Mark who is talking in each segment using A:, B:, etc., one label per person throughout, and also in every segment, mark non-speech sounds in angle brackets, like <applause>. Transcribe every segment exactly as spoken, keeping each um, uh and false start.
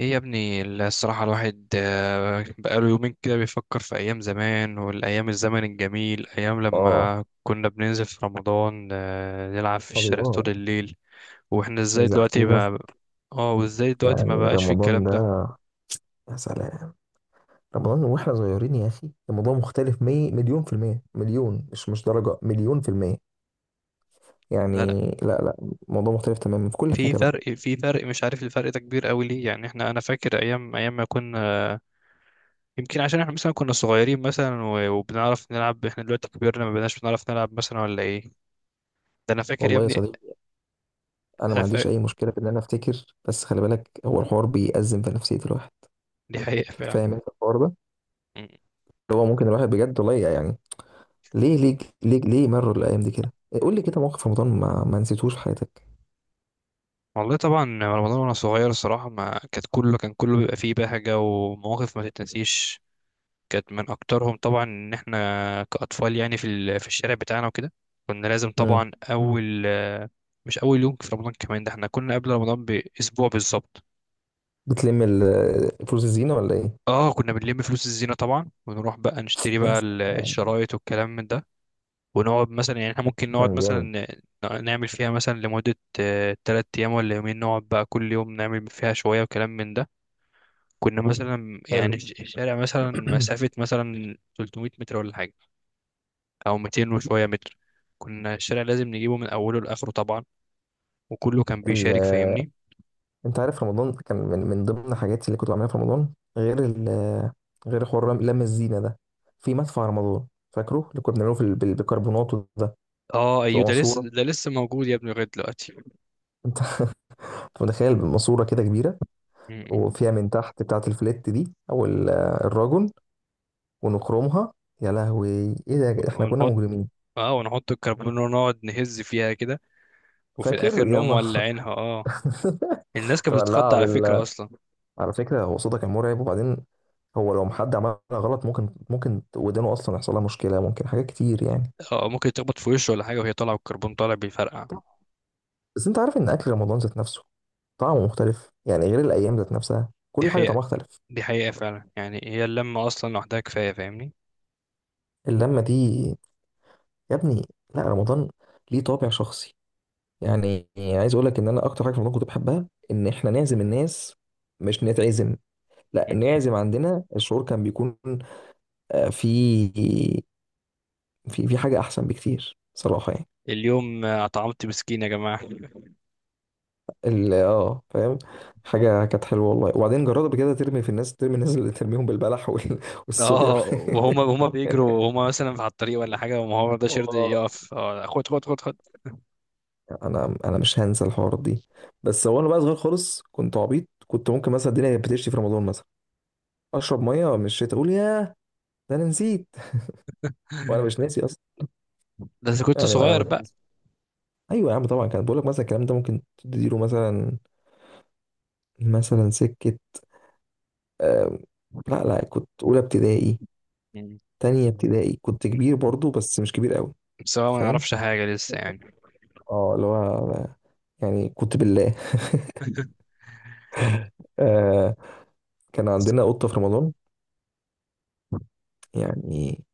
A: ايه يا ابني. الصراحة الواحد آه، بقاله يومين كده بيفكر في أيام زمان والأيام الزمن الجميل أيام
B: اه.
A: لما كنا بننزل في رمضان، آه، نلعب في الشارع طول
B: الله.
A: الليل. واحنا ازاي
B: عايز احكي
A: دلوقتي
B: لك.
A: ما. اه وازاي دلوقتي ما
B: يعني
A: بقاش في
B: رمضان
A: الكلام ده؟
B: ده، يا سلام. رمضان واحنا صغيرين يا اخي، الموضوع مختلف. مي... مليون في المية، مليون، مش مش درجة مليون في المية.
A: لا لا.
B: يعني لا لا، الموضوع مختلف تماما في كل
A: في
B: حاجة بقى.
A: فرق في فرق، مش عارف الفرق ده كبير قوي ليه، يعني احنا انا فاكر ايام ايام ما كنا. يمكن عشان احنا مثلا كنا صغيرين مثلا و- وبنعرف نلعب، احنا دلوقتي كبرنا ما بقناش بنعرف نلعب مثلا ولا ايه. ده انا فاكر يا
B: والله يا
A: ابني.
B: صديقي، انا
A: انا
B: ما عنديش
A: فاكر،
B: اي مشكلة في ان انا افتكر، بس خلي بالك هو الحوار بيأزم في نفسية الواحد.
A: دي حقيقة فعلا.
B: فاهم انت الحوار ده؟ اللي هو ممكن الواحد بجد، والله يعني. ليه، ليه، ليه، ليه مروا الايام دي كده؟ قول لي كده موقف في رمضان ما, ما نسيتوش في حياتك.
A: والله طبعا رمضان وانا صغير الصراحه ما كانت كله كان كله بيبقى فيه بهجه ومواقف ما تتنسيش. كانت من اكترهم طبعا ان احنا كاطفال، يعني في ال- في الشارع بتاعنا وكده كنا لازم
B: امم.
A: طبعا اول. مش اول يوم في رمضان كمان، ده احنا كنا قبل رمضان باسبوع بالظبط.
B: بتلم ال- فلوس الزينة ولا ايه؟
A: اه كنا بنلم فلوس الزينه طبعا، ونروح بقى نشتري بقى
B: بس
A: ال-
B: آه،
A: الشرايط والكلام من ده. ونقعد مثلا، يعني احنا ممكن نقعد
B: كان
A: مثلا
B: جامد.
A: ن- نعمل فيها مثلا لمده ثلاث ايام ولا يومين، نقعد بقى كل يوم نعمل فيها شويه وكلام من ده. كنا مثلا
B: حلو.
A: يعني الش- الشارع مثلا
B: <clears throat>
A: مسافة مثلا ثلاثمية متر ولا حاجة أو ميتين وشوية متر، كنا الشارع لازم نجيبه من أوله لآخره طبعا، وكله كان
B: ال...
A: بيشارك
B: آه،
A: فاهمني.
B: انت عارف، رمضان كان من, من ضمن حاجاتي اللي كنت بعملها في رمضان، غير ال... آه، غير حوار رم- لم الزينه ده. في مدفع رمضان. فاكره اللي كنا بنعمله في ال- بال- بالبيكربونات ده.
A: اه ايوه
B: تبقى
A: ده
B: ماسوره،
A: لسه، ده لسه موجود يا ابني لغاية دلوقتي.
B: انت. <laughs> متخيل ماسوره كده كبيره.
A: م- م.
B: وفيها من تحت بتاعه الفليت دي، او ال- الراجل، ونخرمها. يا لهوي! ايه ده، احنا كنا
A: ونحط.
B: مجرمين!
A: اه ونحط الكربون ونقعد نهز فيها كده، وفي
B: فاكر،
A: الآخر
B: يا
A: نقوم
B: نهار!
A: مولعينها اه. الناس
B: <laughs>
A: كانت
B: تولع!
A: بتتخض على فكرة أصلا.
B: على فكرة هو صوتك كان مرعب. وبعدين هو لو حد عملها غلط، ممكن ممكن ودانه أصلا يحصل لها مشكلة، ممكن حاجات كتير يعني.
A: اه ممكن تخبط في وشه ولا حاجة وهي طالعة والكربون طالع بيفرقع.
B: بس أنت عارف إن أكل رمضان ذات نفسه طعمه مختلف، يعني غير الأيام ذات نفسها،
A: دي
B: كل حاجة
A: حقيقة،
B: طعمها اختلف.
A: دي حقيقة فعلا، يعني هي اللمة أصلا لوحدها كفاية فاهمني.
B: اللمة دي يا ابني. لا، رمضان ليه طابع شخصي. يعني عايز أقول لك إن أنا أكتر حاجة في رمضان كنت بحبها إن إحنا نعزم الناس، مش نتعزم، لا نعزم عندنا، الشعور كان بيكون آه، في في في حاجة أحسن بكتير صراحة يعني.
A: اليوم اطعمت مسكين يا جماعه.
B: ال- اه، فاهم. حاجه كانت حلوه والله. وبعدين جربت قبل كده ترمي في الناس، ترمي الناس اللي ترميهم بالبلح وال- والصوبيا
A: اه
B: وال-
A: وهما هما بيجروا هما مثلا على الطريق ولا
B: <laughs>
A: حاجه، وما هو ده شرد
B: اه.
A: يقف، آه، خد خد خد خد.
B: انا انا مش هنسى الحوارات دي. بس هو انا بقى صغير خالص، كنت عبيط، كنت ممكن مثلا الدنيا كانت بتشتي في رمضان مثلا، اشرب ميه من الشتاء، اقول ياه، ده انا نسيت. <laughs> وانا مش
A: <laughs>
B: ناسي اصلا.
A: بس كنت
B: يعني انا
A: صغير
B: مش
A: بقى
B: ناسي. ايوه يا عم، طبعا كان بقول لك مثلا الكلام ده ممكن تديله مثلا مثلا سكه. آم، لا لا، كنت اولى ابتدائي،
A: يعني،
B: تانية ابتدائي، كنت كبير برضو بس مش كبير قوي.
A: سواء
B: أنت
A: ما
B: فاهم؟
A: نعرفش حاجه لسه يعني.
B: اه، اللي هو يعني كنت بالله. <laughs>
A: <laughs>
B: آه. كان
A: بس-.
B: عندنا قطة في رمضان. يعني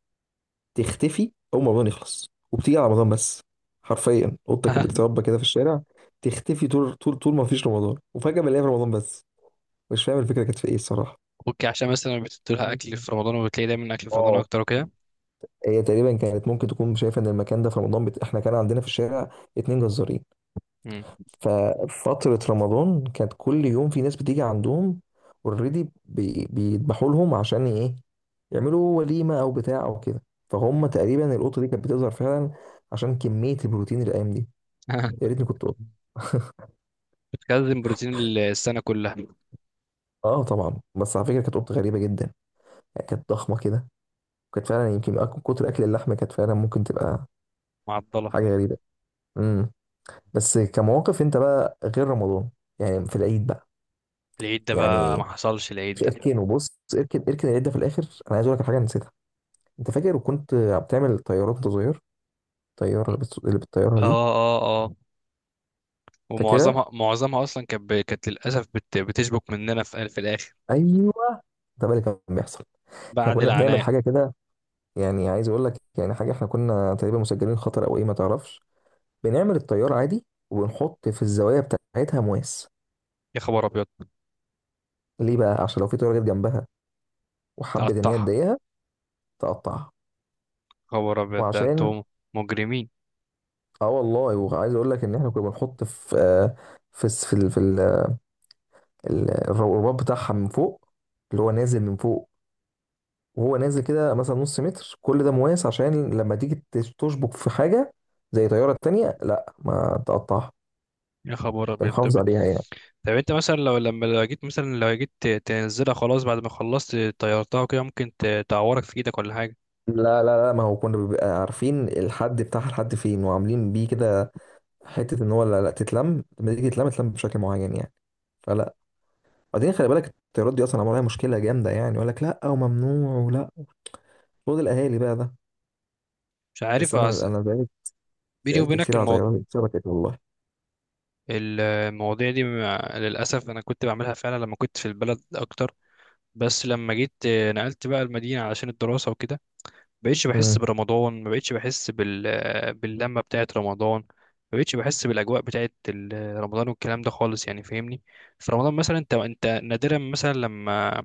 B: تختفي أول ما رمضان يخلص، وبتيجي على رمضان بس. حرفيا قطة كانت بتتربى
A: <laughs>
B: كده في الشارع. تختفي طول طول طول ما فيش رمضان، وفجأة بنلاقيها في رمضان بس. مش فاهم الفكرة كانت في إيه الصراحة.
A: اوكي عشان مثلا بتدولها اكل في
B: <laughs>
A: رمضان، وبتلاقي دايما اكل في رمضان
B: اه.
A: اكتر وكده.
B: هي تقريبا كانت ممكن تكون شايفة إن المكان ده في رمضان بت... إحنا كان عندنا في الشارع اتنين جزارين.
A: مم.
B: ففترة رمضان كانت كل يوم في ناس بتيجي عندهم اوريدي بيذبحوا لهم، عشان ايه؟ يعملوا وليمة او بتاع او كده. فهم تقريبا القطة دي كانت بتظهر فعلا، عشان كمية البروتين الايام دي. يا
A: <laughs>
B: ريتني كنت قطة!
A: بتخزن بروتين السنه كلها.
B: اه طبعا، بس على فكرة كانت قطة غريبة جدا. يعني كانت ضخمة كده. وكانت فعلا يمكن أك- كتر اكل اللحمة كانت فعلا ممكن تبقى
A: معضله.
B: حاجة غريبة. امم بس كمواقف انت بقى، غير رمضان، يعني في العيد بقى
A: العيد ده بقى ما
B: يعني.
A: حصلش العيد ده.
B: اركنه، بص اركن اركن العيد ده في الاخر. انا عايز اقول لك على حاجة نسيتها. انت فاكر وكنت بتعمل طيارات وانت صغير؟ الطياره اللي بتس- اللي بالطياره
A: اه
B: دي.
A: اه اه.
B: فاكرها؟
A: ومعظمها، معظمها اصلا كانت ب- كانت للاسف بت... بتشبك مننا في في الاخر
B: ايوه. ده بقى اللي كان بيحصل. احنا
A: بعد
B: كنا بنعمل
A: العناء.
B: حاجه كده. يعني عايز اقول لك، يعني حاجه، احنا كنا تقريبا مسجلين خطر او ايه، ما تعرفش. بنعمل الطياره عادي وبنحط في الزوايا بتاعتها مواس.
A: يا خبر ابيض.
B: ليه بقى؟ عشان لو في طياره جت جنبها وحبت ان هي
A: تقطعها.
B: تضايقها، تقطعها.
A: خبر ابيض ده انتم
B: وعشان
A: مجرمين.
B: اه والله، وعايز اقول لك ان احنا كنا بنحط في آه، في الس- في ال- في ال- ال- الرباط بتاعها من فوق، اللي هو نازل من فوق. وهو نازل كده مثلا نص متر، كل ده مواس، عشان لما تيجي تش- تشبك في حاجة زي طيارة تانية، لا، ما تقطعها.
A: يا خبر ابيض.
B: بنحافظ
A: طب،
B: عليها يعني.
A: طب انت مثلا لو لما لو جيت مثلا لو جيت ت- تنزلها خلاص بعد ما خلصت طيرتها كده، ممكن ت- تعورك في ايدك ولا حاجه.
B: لا لا لا، ما هو كنا بنبقى عارفين الحد بتاعها لحد فين، وعاملين بيه كده، حتة ان هو لا لا تتلم، لما تيجي تتلم تتلم بشكل معين يعني. فلا. بعدين خلي بالك الطيارات دي اصلا عملها مشكلة جامدة يعني، يقول لك لا وممنوع ولا، خد الاهالي بقى ده.
A: مش
B: بس
A: عارف أص-
B: انا انا بقالي
A: بيني
B: سألت
A: وبينك
B: كتير على
A: الموضوع،
B: طيارات اتسرقت والله.
A: المواضيع دي مع- للاسف انا كنت بعملها فعلا لما كنت في البلد اكتر. بس لما جيت آه، نقلت بقى المدينه علشان الدراسه وكده، بقيتش بحس
B: امم.
A: برمضان، ما بقيتش بحس بال... باللمة بتاعت رمضان. ما بقيتش بحس بالأجواء بتاعت ال- رمضان والكلام ده خالص يعني فاهمني. في رمضان مثلا انت انت نادرا مثلا لما.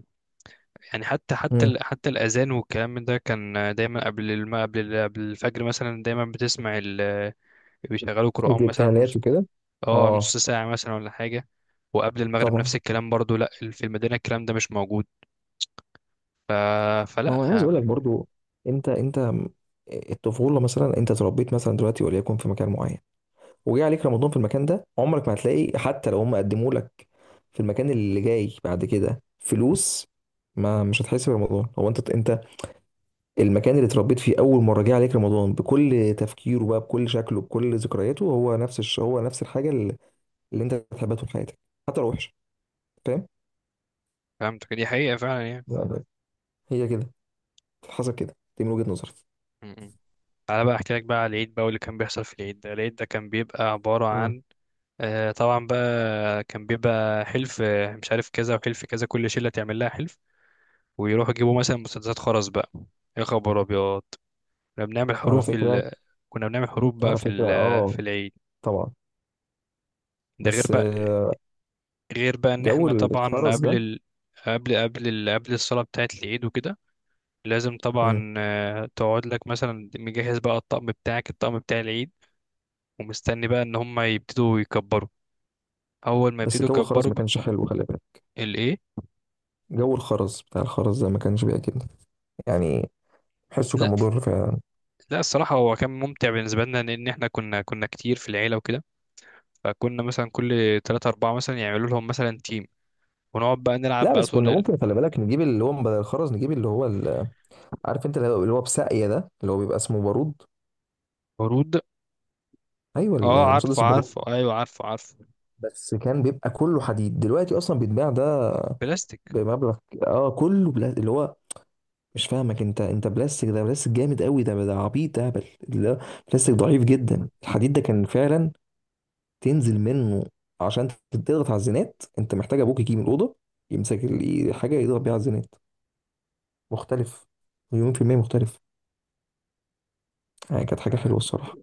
A: يعني حتى حتى
B: امم.
A: ال... حتى الأذان والكلام من ده كان دايما قبل الم... قبل ال... قبل الفجر مثلا، دايما بتسمع ال... بيشغلوا قرآن
B: اللي
A: مثلا
B: بتاع
A: نص...
B: وكده.
A: اه
B: اه.
A: نص ساعة مثلا ولا حاجة. وقبل المغرب
B: طبعا.
A: نفس الكلام برضو، لا في المدينة الكلام ده مش موجود. ف...
B: ما
A: فلا.
B: هو انا عايز اقول لك برضو، انت انت م- الطفوله مثلا، انت اتربيت مثلا دلوقتي وليكن في مكان معين، وجه عليك رمضان في المكان ده، عمرك ما هتلاقي، حتى لو هم قدموا لك في المكان اللي جاي بعد كده فلوس، ما مش هتحس برمضان. هو انت انت المكان اللي اتربيت فيه اول مره جه عليك رمضان بكل تفكيره بقى، بكل شكله، بكل ذكرياته، هو نفس الش... هو نفس الحاجه اللي, اللي انت هتحبها طول حياتك، حتى لو وحشه. فاهم؟
A: فهمتك، دي حقيقة فعلا يعني.
B: بالظبط. هي كده، حصل كده. دي من وجهه نظري.
A: م-م. تعالى بقى احكي لك بقى على العيد، بقى واللي كان بيحصل في العيد ده. العيد ده كان بيبقى عبارة
B: مم.
A: عن آه، طبعا بقى، كان بيبقى حلف، آه، مش عارف كذا وحلف كذا، كل شلة تعمل لها حلف ويروحوا يجيبوا مثلا مسدسات خرز بقى. يا خبر ابيض. كنا بنعمل
B: على
A: حروف
B: فكرة.
A: ال... كنا بنعمل حروف بقى
B: على
A: في
B: فكرة،
A: ال... في
B: اه.
A: العيد.
B: طبعا.
A: ده غير
B: بس
A: بقى،
B: آه،
A: غير بقى ان
B: جو
A: احنا طبعا
B: الخرز
A: قبل
B: ده.
A: ال... قبل قبل ال... قبل الصلاة بتاعة العيد وكده لازم
B: مم.
A: طبعا، آه، تقعد لك مثلا مجهز بقى الطقم بتاعك، الطقم بتاع العيد، ومستني بقى ان هم يبتدوا يكبروا. اول ما
B: بس
A: يبتدوا
B: جو الخرز
A: يكبروا
B: ما
A: بقى.
B: كانش حلو، خلي بالك.
A: الايه؟
B: جو الخرز، بتاع الخرز ده ما كانش بيعجبني يعني. حسه كان
A: لا
B: مضر فعلا.
A: لا، الصراحه هو كان ممتع بالنسبه لنا، لان احنا كنا كنا كتير في العيله وكده، فكنا مثلا كل ثلاثة أربعة مثلا يعملوا لهم مثلا تيم، ونقعد بقى نلعب
B: لا،
A: بقى
B: بس كنا
A: طول.
B: ممكن خلي بالك نجيب اللي هو بدل الخرز، نجيب اللي هو ال- عارف انت، اللي هو اللي هو بساقية ده، اللي هو بيبقى اسمه بارود.
A: العروض.
B: ايوه،
A: اه عارفه
B: المسدس البارود
A: عارفه،
B: ده.
A: ايوه عارفه عارفه.
B: بس كان بيبقى كله حديد، دلوقتي اصلا بيتباع ده
A: بلاستيك.
B: بمبلغ. اه كله بلا... اللي هو، مش فاهمك انت، انت بلاستيك ده بلاستيك جامد قوي، ده ده عبيط اهبل. اللي هو بلاستيك ضعيف جدا، الحديد ده كان فعلا تنزل منه، عشان تضغط على الزنات انت محتاج ابوك يجي من الاوضه يمسك ال- حاجه يضغط بيها على الزنات. مختلف، مليون في المية مختلف، يعني كانت حاجة
A: لا لا.
B: حلوة الصراحة.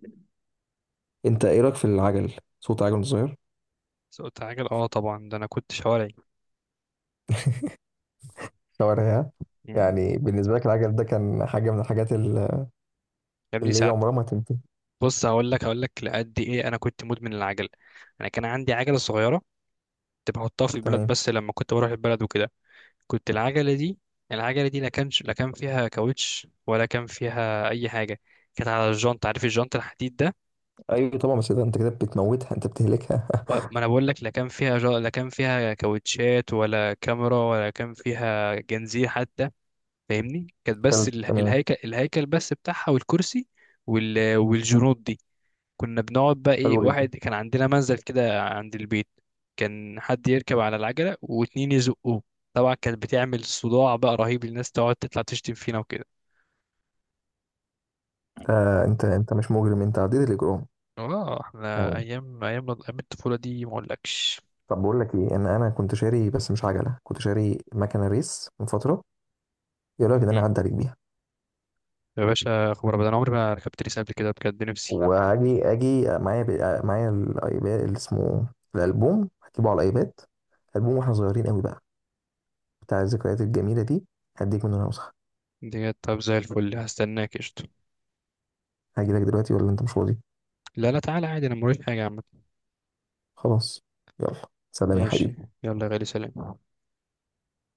B: انت ايه رأيك في العجل، صوت عجل صغير؟
A: سقط عجل اه طبعا، ده انا كنت شوارعي.
B: شوارعها.
A: مم.
B: يعني بالنسبة لك العجل ده كان حاجة من الحاجات ال-
A: يا ابني
B: اللي هي
A: ساعات.
B: عمرها ما هتنتهي.
A: بص هقول لك، هقول لك لقد ايه، انا كنت مدمن العجل. انا كان عندي عجله صغيره، كنت بحطها في البلد،
B: تمام.
A: بس لما كنت بروح البلد وكده كنت العجلة دي. العجلة دي لا كانش، لا كان فيها كاوتش ولا كان فيها أي حاجة، كانت على الجنط، عارف الجنط الحديد ده.
B: ايوه طبعا، بس ده انت كده بتموتها، انت بتهلكها.
A: و- ما أنا بقول لك، لا كان فيها جا... لا كان فيها كاوتشات ولا كاميرا ولا كان فيها جنزير حتى، فاهمني. كانت
B: <laughs> حلو
A: بس ال-
B: تمام.
A: الهيكل، الهيكل بس بتاعها والكرسي وال... والجنوط دي، كنا بنقعد بقى إيه،
B: حلو جدا.
A: واحد كان عندنا منزل كده عند البيت، كان حد يركب على العجلة واتنين يزقوه. طبعا كانت بتعمل صداع بقى رهيب، الناس تقعد تطلع تشتم فينا وكده.
B: آه، انت انت مش مجرم، انت عديت الاجرام.
A: اه احنا
B: تمام.
A: ايام، ايام ايام الطفوله دي ما اقولكش.
B: طب بقول لك ايه، ان انا كنت شاري بس مش عجلة، كنت شاري مكنة ريس من فترة. ايه رايك ان انا
A: مم.
B: اعدي عليك بيها؟
A: يا باشا خبر ابدا، انا عمري ما ركبت ريس قبل كده، بجد نفسي.
B: وهاجي اجي معايا ب... معايا الايباد اللي اسمه الالبوم، هجيبه على الايباد، البوم واحنا صغيرين قوي بقى، بتاع الذكريات الجميله دي، هديك منه نسخه.
A: ديت، طب زي الفل هستناك قشطة.
B: هاجي لك دلوقتي ولا انت مش فاضي؟
A: لا لا تعالى عادي، انا موريش حاجه يا عم.
B: خلاص. يلا. سلام يا
A: ماشي.
B: حبيبي.
A: يلا يا غالي، سلام.